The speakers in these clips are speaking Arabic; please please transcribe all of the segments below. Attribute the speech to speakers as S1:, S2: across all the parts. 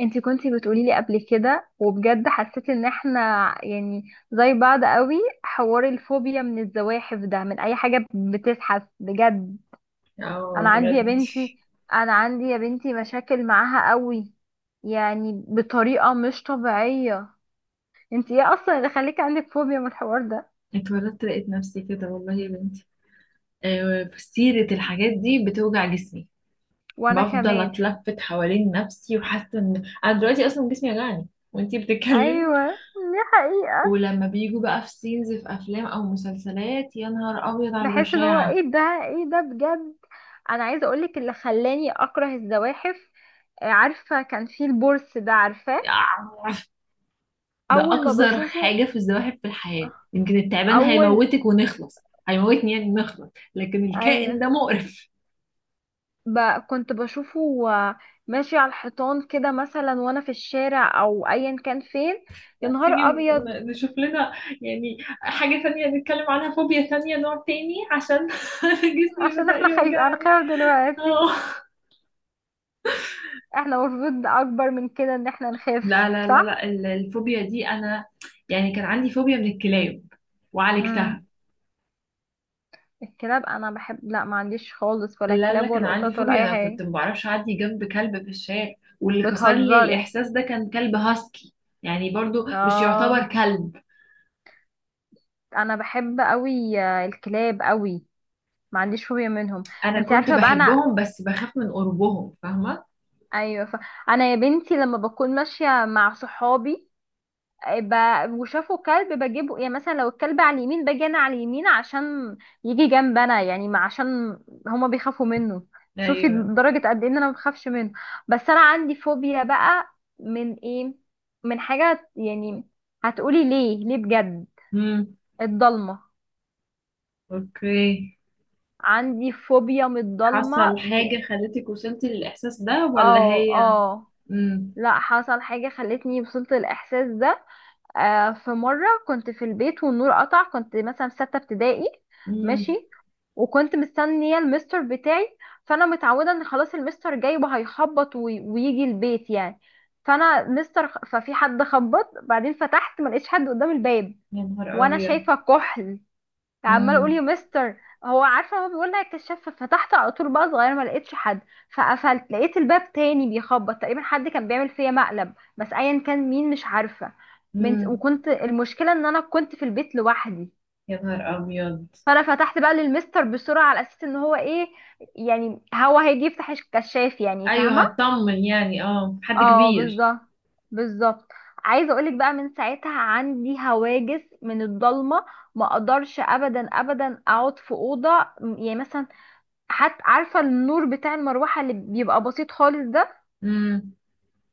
S1: انتي كنتي بتقولي لي قبل كده، وبجد حسيت ان احنا يعني زي بعض قوي. حوار الفوبيا من الزواحف ده من اي حاجة بتزحف بجد. انا
S2: اه،
S1: عندي يا
S2: بجد.
S1: بنتي انا عندي يا بنتي مشاكل معاها قوي، يعني بطريقة مش طبيعية. انتي ايه اصلا اللي خليكي عندك فوبيا من الحوار ده؟
S2: اتولدت لقيت نفسي كده والله يا بنتي. سيرة الحاجات دي بتوجع جسمي،
S1: وانا
S2: بفضل
S1: كمان.
S2: اتلفت حوالين نفسي وحاسه ان انا دلوقتي اصلا جسمي وجعني، وانتي بتتكلمي.
S1: ايوه دي حقيقة.
S2: ولما بيجوا بقى في سينز في افلام او مسلسلات، يا نهار ابيض على
S1: بحس ان هو
S2: البشاعه.
S1: ايه ده، ايه ده بجد. انا عايزة اقولك اللي خلاني اكره الزواحف. عارفة كان في البورس ده، عارفاه؟
S2: آه، ده
S1: أول ما
S2: اقذر
S1: بشوفه،
S2: حاجه في الزواحف في الحياه. يمكن التعبان
S1: أول
S2: هيموتك ونخلص، هيموتني يعني نخلص، لكن الكائن
S1: أيوة،
S2: ده مقرف.
S1: ب... كنت بشوفه ماشي على الحيطان كده مثلا وأنا في الشارع أو أيا كان فين. يا
S2: ما
S1: نهار
S2: تيجي
S1: أبيض.
S2: نشوف لنا يعني حاجة تانية نتكلم عنها، فوبيا تانية، نوع تاني، عشان جسمي
S1: عشان
S2: بدأ
S1: احنا أنا
S2: يوجعني.
S1: خايف دلوقتي.
S2: اه.
S1: احنا المفروض أكبر من كده إن احنا نخاف،
S2: لا لا لا لا،
S1: صح؟
S2: الفوبيا دي انا يعني كان عندي فوبيا من الكلاب وعالجتها.
S1: مم. الكلاب أنا بحب، لا ما عنديش خالص
S2: لا
S1: ولا
S2: لا لا،
S1: كلاب
S2: كان
S1: ولا
S2: عندي
S1: قطط ولا
S2: فوبيا،
S1: أي
S2: انا
S1: حاجة.
S2: كنت ما بعرفش اعدي جنب كلب في الشارع، واللي كسر لي
S1: بتهزري.
S2: الاحساس ده كان كلب هاسكي، يعني برضو مش
S1: اه،
S2: يعتبر كلب.
S1: أنا بحب أوي الكلاب أوي، ما عنديش فوبيا منهم.
S2: انا
S1: انت
S2: كنت
S1: عارفه بقى انا،
S2: بحبهم بس بخاف من قربهم، فاهمة؟
S1: ايوه انا يا بنتي لما بكون ماشيه مع صحابي آه، ب... وشافوا كلب بجيبه، يعني مثلا لو الكلب على اليمين باجي انا على اليمين عشان يجي جنب انا، يعني ما عشان هما بيخافوا منه. شوفي
S2: ايوه.
S1: درجه قد ايه ان انا ما بخافش منه. بس انا عندي فوبيا بقى. من ايه؟ من حاجه، يعني هتقولي ليه ليه بجد.
S2: امم.
S1: الضلمه.
S2: اوكي.
S1: عندي فوبيا من
S2: حصل
S1: الضلمه
S2: حاجة خلتك وصلتي للإحساس ده ولا
S1: اه
S2: هي؟
S1: اه.
S2: مم.
S1: لا حصل حاجة خلتني وصلت الإحساس ده. آه، في مرة كنت في البيت والنور قطع، كنت مثلا في ستة ابتدائي.
S2: مم.
S1: ماشي. وكنت مستنية المستر بتاعي، فأنا متعودة إن خلاص المستر جاي وهيخبط ويجي البيت يعني. فأنا مستر ففي حد خبط، بعدين فتحت ما لقيتش حد قدام الباب.
S2: يا نهار
S1: وأنا
S2: أبيض.
S1: شايفة كحل، عمال اقول
S2: مم.
S1: يا مستر، هو عارفه هو بيقول لها الكشاف فتحت على طول بقى، صغير ما لقيتش حد. فقفلت لقيت الباب تاني بيخبط، تقريبا حد كان بيعمل فيا مقلب، بس ايا كان مين مش عارفه من.
S2: مم.
S1: وكنت المشكله ان انا كنت في البيت لوحدي.
S2: يا نهار أبيض.
S1: فانا فتحت بقى للمستر بسرعه على اساس ان هو ايه، يعني هو هيجي يفتح الكشاف، يعني
S2: أيوه،
S1: فاهمه.
S2: هطمن يعني، اه، حد
S1: اه
S2: كبير.
S1: بالظبط، بالظبط. عايزه اقولك بقى من ساعتها عندي هواجس من الضلمه. ما اقدرش ابدا اقعد في اوضه، يعني مثلا حتى عارفه النور بتاع المروحه اللي بيبقى بسيط خالص ده،
S2: مم.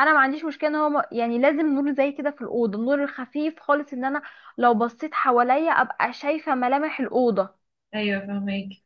S1: انا ما عنديش مشكله ان هو يعني لازم نور زي كده في الاوضه، النور الخفيف خالص، ان انا لو بصيت حواليا ابقى شايفه ملامح الاوضه.
S2: أيوه، فهمك.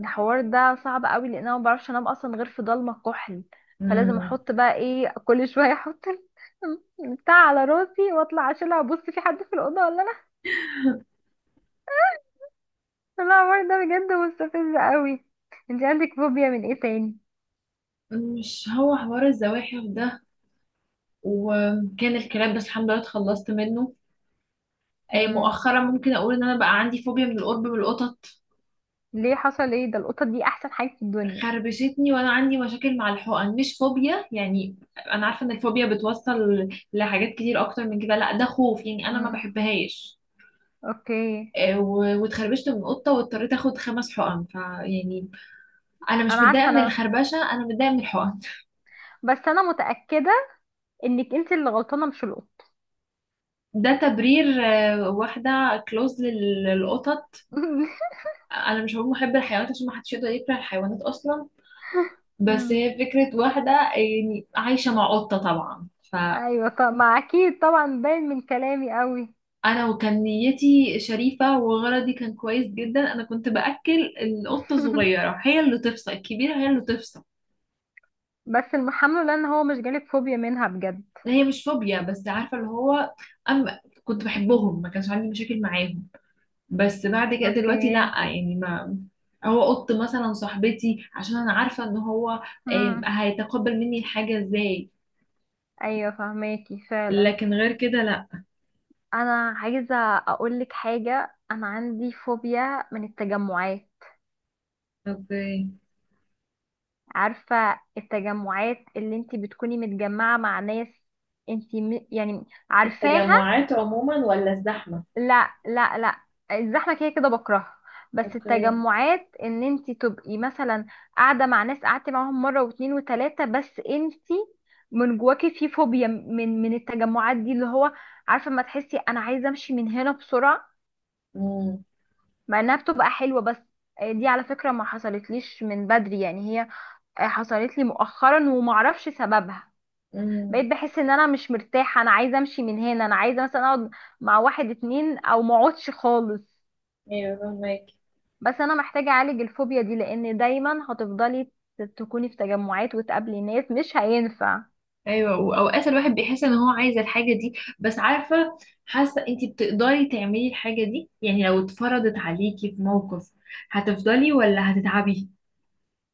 S1: الحوار ده صعب قوي لان انا ما بعرفش انام اصلا غير في ضلمه كحل. فلازم
S2: مم.
S1: احط بقى ايه كل شويه، احط بتاع على راسي واطلع اشيلها ابص في حد في الاوضه ولا لا. لا الحوار ده بجد مستفز قوي. انت عندك فوبيا من ايه تاني؟
S2: مش هو حوار الزواحف ده وكان الكلاب، بس الحمد لله اتخلصت منه.
S1: امم.
S2: مؤخرا ممكن أقول إن أنا بقى عندي فوبيا من القرب من القطط.
S1: ليه، حصل ايه؟ ده القطط دي احسن حاجه في الدنيا.
S2: خربشتني وانا عندي مشاكل مع الحقن، مش فوبيا يعني، انا عارفه ان الفوبيا بتوصل لحاجات كتير اكتر من كده، لا ده خوف يعني، انا ما بحبهاش.
S1: اوكي.
S2: واتخربشت من قطه واضطريت اخد 5 حقن، فيعني انا مش
S1: انا عارفه
S2: متضايقه من
S1: انا،
S2: الخربشه، انا متضايقه من الحقن
S1: بس انا متاكده انك انت اللي غلطانه مش القط.
S2: ده تبرير، واحده كلوز للقطط. انا مش هقول محب الحيوانات عشان ما حدش يقدر يكره الحيوانات اصلا، بس
S1: مم.
S2: هي فكره، واحده يعني عايشه مع قطه طبعا.
S1: ايوه، طب ما اكيد طبعا باين من كلامي قوي.
S2: انا وكان نيتي شريفة وغرضي كان كويس جدا، انا كنت باكل القطة الصغيرة، هي اللي تفصل الكبيرة، هي اللي تفصل.
S1: بس المحمل لان هو مش جالك فوبيا منها بجد.
S2: هي مش فوبيا بس، عارفة اللي هو، أما كنت بحبهم ما كانش عندي مشاكل معاهم، بس بعد كده
S1: اوكي.
S2: دلوقتي لا، يعني ما، هو قط مثلا صاحبتي عشان انا عارفة ان هو
S1: مم.
S2: هيتقبل مني الحاجة ازاي،
S1: ايوه فهماكي فعلا.
S2: لكن غير كده لا.
S1: انا عايزه اقولك حاجه، انا عندي فوبيا من التجمعات.
S2: اوكي.
S1: عارفه التجمعات اللي انتي بتكوني متجمعه مع ناس، يعني عارفاها.
S2: التجمعات عموما ولا الزحمة؟
S1: لا لا لا، الزحمه كده كده بكرهها. بس
S2: اوكي.
S1: التجمعات ان انت تبقي مثلا قاعده مع ناس قعدتي معاهم مره واتنين وتلاته، بس انت من جواكي في فوبيا من التجمعات دي، اللي هو عارفه ما تحسي انا عايزه امشي من هنا بسرعه.
S2: امم.
S1: مع انها بتبقى حلوه، بس دي على فكره ما حصلتليش من بدري يعني، هي حصلت لي مؤخرا ومعرفش سببها. بقيت
S2: امم.
S1: بحس ان انا مش مرتاحه، انا عايزه امشي من هنا، انا عايزه مثلا اقعد مع واحد اتنين او ما اقعدش خالص.
S2: ايوه فهمك.
S1: بس انا محتاجة اعالج الفوبيا دي، لان دايما هتفضلي تكوني في تجمعات وتقابلي ناس، مش هينفع.
S2: ايوه، واوقات الواحد بيحس ان هو عايز الحاجه دي بس، عارفه، حاسه انتي بتقدري تعملي الحاجه دي، يعني لو اتفرضت عليكي في موقف هتفضلي ولا هتتعبي؟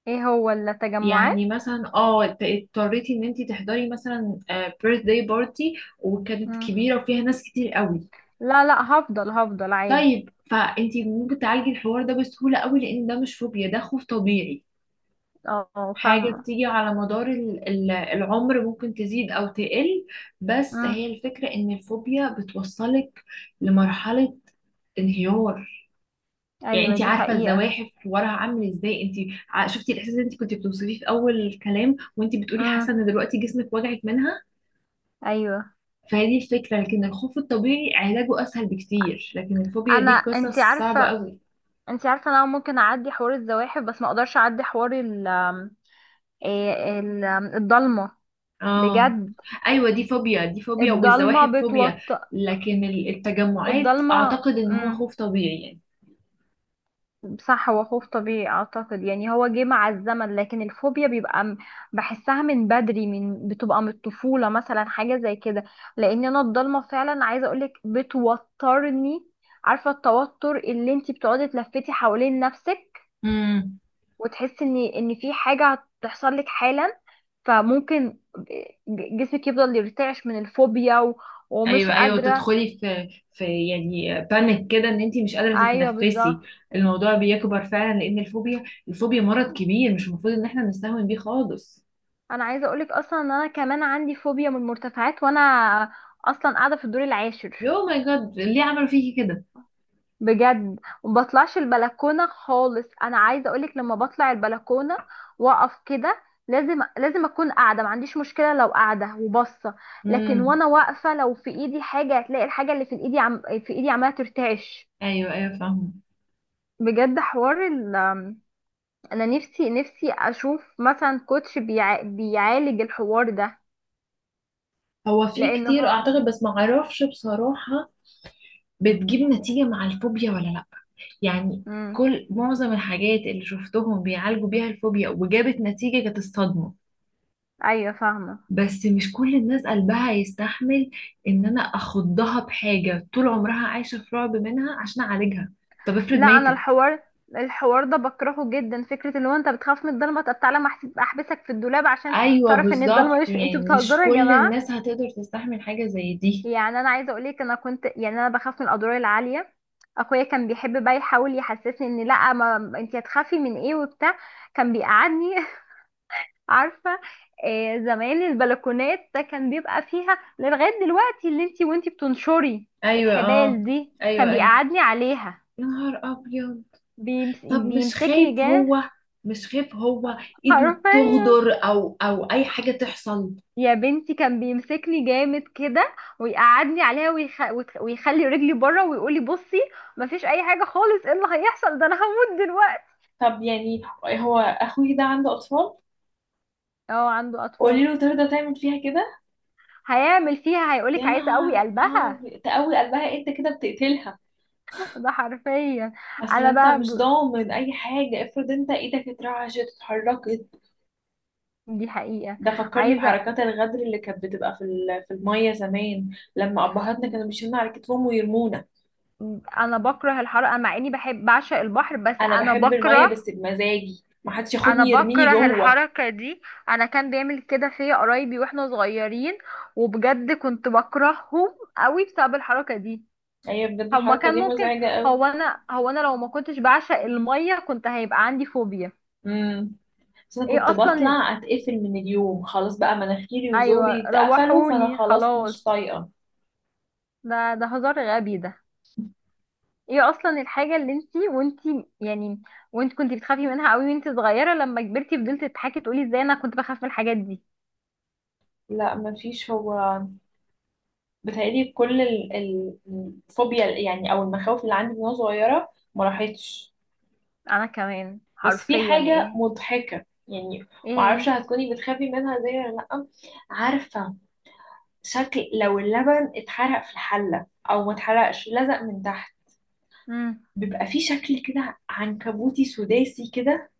S1: ايه هو ولا
S2: يعني
S1: تجمعات؟
S2: مثلا اه اضطريتي ان انتي تحضري مثلا بيرث داي بارتي وكانت
S1: مم.
S2: كبيره وفيها ناس كتير قوي.
S1: لا لا، هفضل هفضل عادي.
S2: طيب فانتي ممكن تعالجي الحوار ده بسهوله قوي لان ده مش فوبيا، ده خوف طبيعي،
S1: اه
S2: حاجة
S1: فاهمة.
S2: بتيجي على مدار العمر، ممكن تزيد أو تقل، بس هي
S1: مم.
S2: الفكرة إن الفوبيا بتوصلك لمرحلة انهيار. يعني
S1: ايوه
S2: انت
S1: دي
S2: عارفة
S1: حقيقة.
S2: الزواحف وراها عامل ازاي انت، شفتي الإحساس اللي انت كنت بتوصفيه في أول الكلام وانت بتقولي حاسة
S1: مم.
S2: إن دلوقتي جسمك وجعك منها،
S1: ايوه.
S2: فهي دي الفكرة. لكن الخوف الطبيعي علاجه أسهل بكتير، لكن الفوبيا
S1: انا
S2: دي
S1: انتي
S2: قصص صعبة
S1: عارفة،
S2: أوي.
S1: انتي عارفة انا ممكن اعدي حوار الزواحف بس ما اقدرش اعدي حوار ال الضلمة
S2: اه.
S1: بجد.
S2: ايوه دي فوبيا، دي فوبيا،
S1: الضلمة
S2: والزواحف فوبيا،
S1: بتوتر.
S2: لكن التجمعات
S1: الضلمة
S2: اعتقد ان هو
S1: مم.
S2: خوف طبيعي يعني.
S1: صح، هو خوف طبيعي اعتقد يعني، هو جه مع الزمن لكن الفوبيا بيبقى بحسها من بدري، من بتبقى من الطفولة مثلا حاجة زي كده. لان انا الضلمة فعلا عايزة اقولك بتوترني. عارفة التوتر اللي انتي بتقعدي تلفتي حوالين نفسك
S2: امم.
S1: وتحسي ان في حاجة هتحصل لك حالا. فممكن جسمك يفضل يرتعش من الفوبيا ومش
S2: ايوه ايوه،
S1: قادرة.
S2: تدخلي في يعني بانيك كده، ان انت مش قادره
S1: ايوه بالظبط.
S2: تتنفسي. الموضوع بيكبر فعلا لان الفوبيا مرض كبير، مش المفروض ان احنا نستهون بيه خالص.
S1: انا عايزه اقولك اصلا ان انا كمان عندي فوبيا من المرتفعات، وانا اصلا قاعده في الدور العاشر
S2: يو ماي جاد، ليه عملوا فيكي كده؟
S1: بجد. وما بطلعش البلكونه خالص، انا عايزه اقولك لما بطلع البلكونه واقف كده، لازم لازم اكون قاعده، ما عنديش مشكله لو قاعده وباصه. لكن
S2: امم.
S1: وانا واقفه لو في ايدي حاجه، هتلاقي الحاجه اللي في ايدي في ايدي عماله ترتعش.
S2: ايوه ايوه فاهمه.
S1: بجد حوار ال، انا نفسي نفسي اشوف مثلا كوتش بيعالج الحوار ده.
S2: هو في
S1: لان
S2: كتير
S1: هو،
S2: اعتقد بس ما اعرفش بصراحه، بتجيب نتيجة مع الفوبيا ولا لأ؟ يعني
S1: امم.
S2: كل معظم الحاجات اللي شفتهم بيعالجوا بيها الفوبيا وجابت نتيجة كانت الصدمة،
S1: ايوه فاهمه.
S2: بس مش كل الناس قلبها يستحمل ان انا اخضها بحاجة طول عمرها عايشة في رعب منها عشان اعالجها، طب افرض
S1: لا انا
S2: ماتت؟
S1: الحوار، الحوار ده بكرهه جدا، فكره اللي هو انت بتخاف من الضلمه، طب تعالى ما أحس- احبسك في الدولاب عشان
S2: ايوه
S1: تعرف ان الضلمه
S2: بالظبط،
S1: مش في. انتوا
S2: يعني مش
S1: بتهزروا يا
S2: كل
S1: جماعه.
S2: الناس هتقدر تستحمل حاجة زي دي.
S1: يعني انا عايزه اقولك انا كنت يعني انا بخاف من الادوار العاليه. اخويا كان بيحب بقى يحاول يحسسني ان لا، ما انت هتخافي من ايه وبتاع. كان بيقعدني عارفه، زمان البلكونات ده كان بيبقى فيها لغايه دلوقتي اللي انت، وانت بتنشري
S2: ايوه. اه.
S1: الحبال دي
S2: ايوه
S1: كان
S2: ايوه.
S1: بيقعدني عليها.
S2: يا نهار ابيض. طب مش
S1: بيمسكني
S2: خايف
S1: جاه.
S2: هو، مش خايف هو ايده
S1: عارفه
S2: تغدر او او اي حاجة تحصل؟
S1: يا بنتي كان بيمسكني جامد كده ويقعدني عليها ويخلي رجلي بره ويقولي بصي، مفيش اي حاجه خالص، ايه اللي هيحصل؟ ده انا هموت دلوقتي.
S2: طب يعني هو اخوي ده عنده اطفال،
S1: اه عنده
S2: قولي
S1: اطفال.
S2: له ترضى تعمل فيها كده؟
S1: هيعمل فيها، هيقولك
S2: يا
S1: عايزه قوي
S2: نهار، اه
S1: قلبها.
S2: تقوي قلبها؟ انت كده بتقتلها،
S1: ده حرفيا.
S2: اصل
S1: انا
S2: انت
S1: بقى
S2: مش ضامن اي حاجه، افرض انت ايدك اترعشت اتحركت.
S1: دي حقيقه.
S2: ده فكرني
S1: عايزه.
S2: بحركات الغدر اللي كانت بتبقى في في الميه زمان، لما ابهاتنا كانوا بيشيلونا على كتفهم ويرمونا.
S1: انا بكره الحر، انا مع اني بحب بعشق البحر بس
S2: انا
S1: انا
S2: بحب الميه
S1: بكره.
S2: بس بمزاجي، ما حدش
S1: انا
S2: ياخدني يرميني
S1: بكره
S2: جوه.
S1: الحركة دي. انا كان بيعمل كده فيا قرايبي واحنا صغيرين، وبجد كنت بكرههم قوي بسبب الحركة دي.
S2: هي بجد
S1: هو ما
S2: الحركة
S1: كان
S2: دي
S1: ممكن،
S2: مزعجة قوي.
S1: هو انا لو ما كنتش بعشق المية كنت هيبقى عندي فوبيا.
S2: امم. بس انا
S1: ايه
S2: كنت
S1: اصلا.
S2: بطلع اتقفل من اليوم، خلاص بقى مناخيري
S1: ايوه
S2: وزوري اتقفلوا، فانا
S1: روحوني
S2: خلاص
S1: خلاص.
S2: مش طايقة.
S1: ده ده هزار غبي ده. ايه اصلا الحاجة اللي انتي وانتي يعني، وانت كنتي بتخافي منها قوي وانتي صغيرة، لما كبرتي فضلتي تضحكي تقولي ازاي انا كنت بخاف من الحاجات دي.
S2: لا مفيش، هو بتهيألي كل الفوبيا يعني او المخاوف اللي عندي من وانا صغيرة ما راحتش،
S1: انا كمان
S2: بس في
S1: حرفيا
S2: حاجة
S1: ايه
S2: مضحكة يعني،
S1: ايه
S2: معرفش هتكوني بتخافي منها زي ولا لأ. عارفة شكل لو اللبن اتحرق في الحلة او ما اتحرقش لزق من تحت،
S1: امم.
S2: بيبقى في شكل كده عنكبوتي سداسي كده،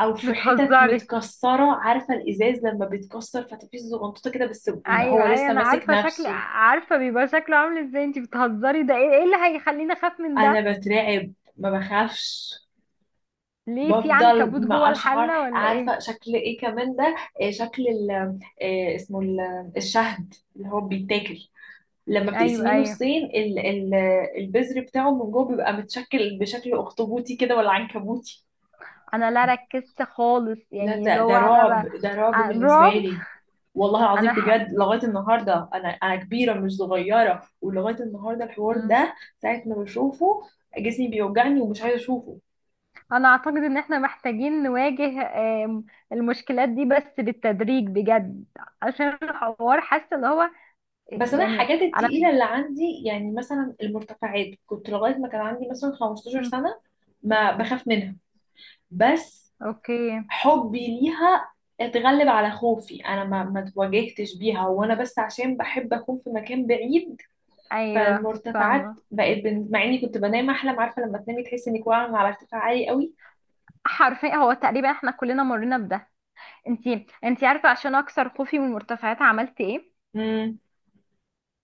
S2: او في حتت
S1: بتهزري،
S2: متكسره، عارفه الازاز لما بيتكسر فتفيش زغنطوطه كده، بس هو
S1: ايوه ايوه
S2: لسه
S1: انا
S2: ماسك
S1: عارفه شكل،
S2: نفسه.
S1: عارفه بيبقى شكله عامل ازاي، انتي بتهزري، ده ايه ايه اللي هيخليني اخاف من ده؟
S2: انا بترعب، ما بخافش.
S1: ليه في
S2: بفضل
S1: عنكبوت جوه
S2: ما اشعر.
S1: الحله ولا
S2: عارفه
S1: ايه؟
S2: شكل ايه كمان ده؟ إيه شكل ال، إيه اسمه، الشهد اللي هو بيتاكل، لما
S1: ايوه
S2: بتقسميه
S1: ايوه.
S2: نصين، البذر بتاعه من جوه، بيبقى متشكل بشكل اخطبوطي كده ولا عنكبوتي.
S1: انا لا ركزت خالص،
S2: لا
S1: يعني اللي هو
S2: ده
S1: انا
S2: رعب، ده رعب بالنسبة
S1: رعب.
S2: لي، والله العظيم
S1: انا
S2: بجد. لغاية النهاردة أنا كبيرة مش صغيرة، ولغاية النهاردة الحوار
S1: مم.
S2: ده ساعة ما بشوفه جسمي بيوجعني ومش عايزة أشوفه.
S1: انا اعتقد ان احنا محتاجين نواجه آم، المشكلات دي بس بالتدريج بجد، عشان الحوار حاسه اللي هو،
S2: بس أنا
S1: يعني
S2: الحاجات
S1: انا
S2: التقيلة
S1: مش.
S2: اللي عندي، يعني مثلا المرتفعات، كنت لغاية ما كان عندي مثلا 15
S1: مم.
S2: سنة ما بخاف منها، بس
S1: اوكي.
S2: حبي ليها اتغلب على خوفي، أنا ما تواجهتش بيها وأنا، بس عشان بحب أكون في مكان بعيد،
S1: ايوه
S2: فالمرتفعات
S1: فاهمه.
S2: بقت مع اني كنت بنام احلم، عارفه لما تنامي تحسي انك واقعه على ارتفاع عالي قوي.
S1: حرفيا هو تقريبا احنا كلنا مرينا بده. انتي عارفه عشان اكسر خوفي من المرتفعات عملت ايه؟
S2: امم.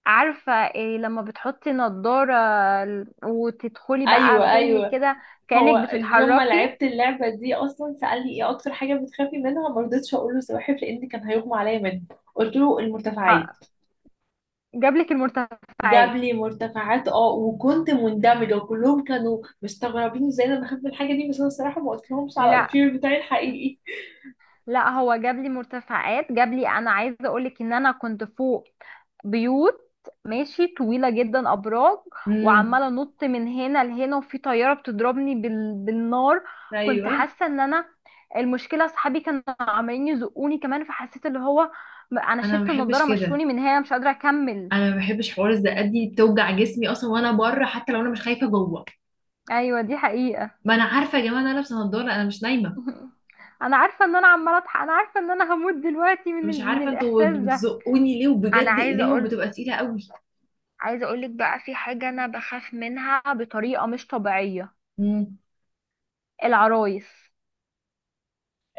S1: عارفه إيه؟ لما بتحطي نضاره وتدخلي بقى
S2: ايوه
S1: فيلم
S2: ايوه.
S1: كده
S2: هو
S1: كانك
S2: اليوم ما
S1: بتتحركي.
S2: لعبت اللعبه دي اصلا سالني ايه اكتر حاجه بتخافي منها، ما رضيتش اقول له السواحل لان كان هيغمى عليا منه، قلت له المرتفعات.
S1: ح- جابلك
S2: جاب
S1: المرتفعات؟
S2: لي مرتفعات، اه، وكنت مندمجه وكلهم كانوا مستغربين ازاي انا بخاف من الحاجه دي، بس انا الصراحه ما قلت لهمش على
S1: لا
S2: الفير بتاعي الحقيقي.
S1: لا، هو جاب لي مرتفعات. جاب لي، انا عايزه اقول لك ان انا كنت فوق بيوت، ماشي طويله جدا، ابراج،
S2: امم.
S1: وعماله انط من هنا لهنا وفي طياره بتضربني بالنار. كنت
S2: ايوه.
S1: حاسه ان انا، المشكله اصحابي كانوا عمالين يزقوني كمان، فحسيت اللي هو انا
S2: انا ما
S1: شلت
S2: بحبش
S1: النضاره،
S2: كده،
S1: مشوني من هنا مش قادره اكمل.
S2: انا ما بحبش حوار الزقات دي، بتوجع جسمي اصلا وانا بره حتى لو انا مش خايفه جوه.
S1: ايوه دي حقيقه.
S2: ما انا عارفه يا جماعه ان انا لابسه نضاره، انا مش نايمه،
S1: انا عارفه ان انا عماله اضحك، انا عارفه ان انا هموت دلوقتي من
S2: مش
S1: من
S2: عارفه انتوا
S1: الاحساس ده.
S2: بتزقوني ليه،
S1: انا
S2: وبجد
S1: عايزه
S2: ايديهم
S1: اقول،
S2: بتبقى تقيله قوي.
S1: عايزة اقولك بقى في حاجة انا بخاف منها بطريقة مش طبيعية.
S2: مم.
S1: العرايس.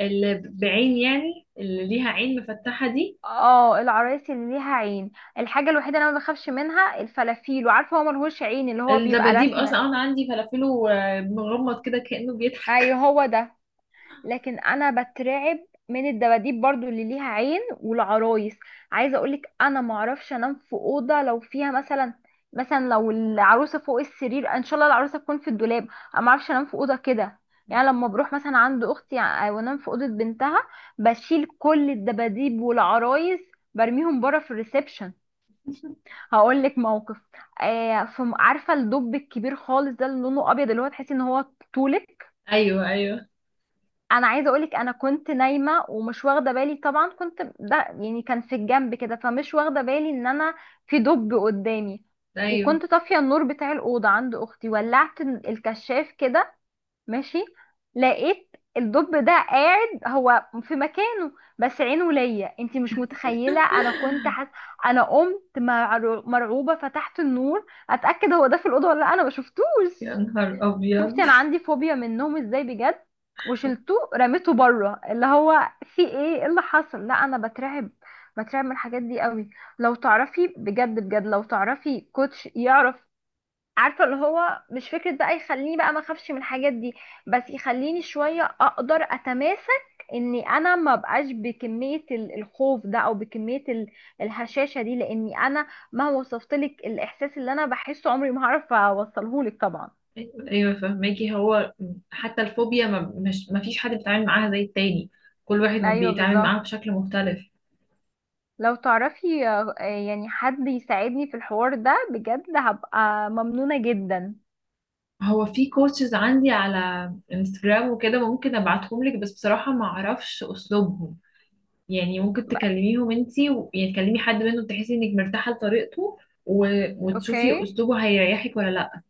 S2: اللي بعين يعني، اللي ليها عين مفتحه دي.
S1: اه العرايس اللي ليها عين. الحاجة الوحيدة اللي انا ما بخافش منها الفلافيل، وعارفة هو ملهوش عين اللي هو بيبقى
S2: الدباديب
S1: رسمة.
S2: اصلا انا عندي فلافله مغمض كده كانه بيضحك.
S1: ايوه هو ده. لكن انا بترعب من الدباديب برضو اللي ليها عين والعرايس. عايزه اقولك انا معرفش انام في اوضه لو فيها مثلا، مثلا لو العروسه فوق السرير، ان شاء الله العروسه تكون في الدولاب. انا معرفش انام في اوضه كده. يعني لما بروح مثلا عند اختي وانام في اوضه بنتها، بشيل كل الدباديب والعرايس، برميهم بره في الريسبشن. هقول لك موقف. آه في، عارفه الدب الكبير خالص ده اللي لونه ابيض اللي هو تحسي ان هو طولك؟
S2: ايوه ايوه
S1: انا عايزه اقولك انا كنت نايمه ومش واخده بالي طبعا، كنت ده يعني كان في الجنب كده فمش واخده بالي ان انا في دب قدامي.
S2: ايوه.
S1: وكنت طافيه النور بتاع الاوضه عند اختي، ولعت الكشاف كده، ماشي، لقيت الدب ده قاعد هو في مكانه، بس عينه ليا. انتي مش متخيله انا كنت انا قمت مرعوبه، فتحت النور اتاكد هو ده في الاوضه ولا لأ، انا ما
S2: يا
S1: شفتوش.
S2: نهار ابيض.
S1: شفتي انا عندي فوبيا منهم ازاي بجد؟ وشلته رميته بره اللي هو في ايه، إيه اللي حصل، لا انا بترعب، بترعب من الحاجات دي قوي. لو تعرفي بجد بجد، لو تعرفي كوتش يعرف، عارفه اللي هو مش فكره بقى يخليني بقى ما اخافش من الحاجات دي، بس يخليني شويه اقدر اتماسك اني انا ما بقاش بكميه الخوف ده او بكميه الهشاشه دي، لاني انا مهما وصفتلك الاحساس اللي انا بحسه عمري ما هعرف اوصلهولك طبعا.
S2: ايوه أيوة، فهماكي. هو حتى الفوبيا ما، مش ما فيش حد بيتعامل معاها زي التاني، كل واحد
S1: ايوه
S2: بيتعامل معاها
S1: بالظبط.
S2: بشكل مختلف.
S1: لو تعرفي يعني حد يساعدني في الحوار ده بجد هبقى ممنونة جدا.
S2: هو في كوتشز عندي على انستجرام وكده، ممكن ابعتهم لك، بس بصراحة ما اعرفش اسلوبهم، يعني ممكن تكلميهم انتي يعني تكلمي حد منهم تحسي انك مرتاحة لطريقته، و... وتشوفي
S1: اوكي.
S2: اسلوبه هيريحك ولا لا.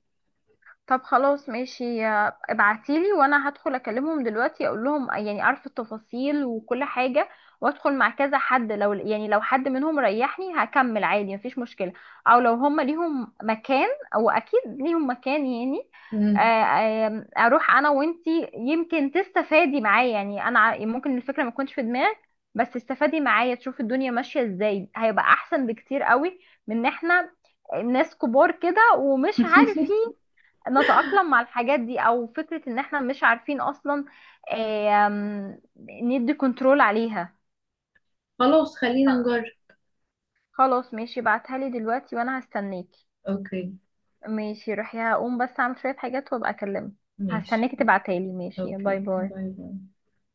S1: طب خلاص ماشي، ابعتيلي وانا هدخل اكلمهم دلوقتي اقول لهم، يعني عارفه التفاصيل وكل حاجه، وادخل مع كذا حد لو يعني لو حد منهم ريحني هكمل عادي مفيش مشكله. او لو هم ليهم مكان، او اكيد ليهم مكان يعني.
S2: مم.
S1: اروح انا وانتي يمكن تستفادي معايا، يعني انا ممكن الفكره ما تكونش في دماغك بس تستفادي معايا تشوف الدنيا ماشيه ازاي، هيبقى احسن بكتير قوي من ان احنا ناس كبار كده ومش عارفين نتأقلم مع الحاجات دي، او فكرة ان احنا مش عارفين اصلا آم، ندي كنترول عليها.
S2: خلاص خلينا نجرب.
S1: آه، خلاص ماشي، بعتها لي دلوقتي وانا هستناكي.
S2: اوكي.
S1: ماشي روحي، هقوم بس اعمل شوية حاجات وابقى اكلمك.
S2: ماشي.
S1: هستناكي تبعتها لي، ماشي، باي
S2: اوكي،
S1: باي.
S2: باي باي.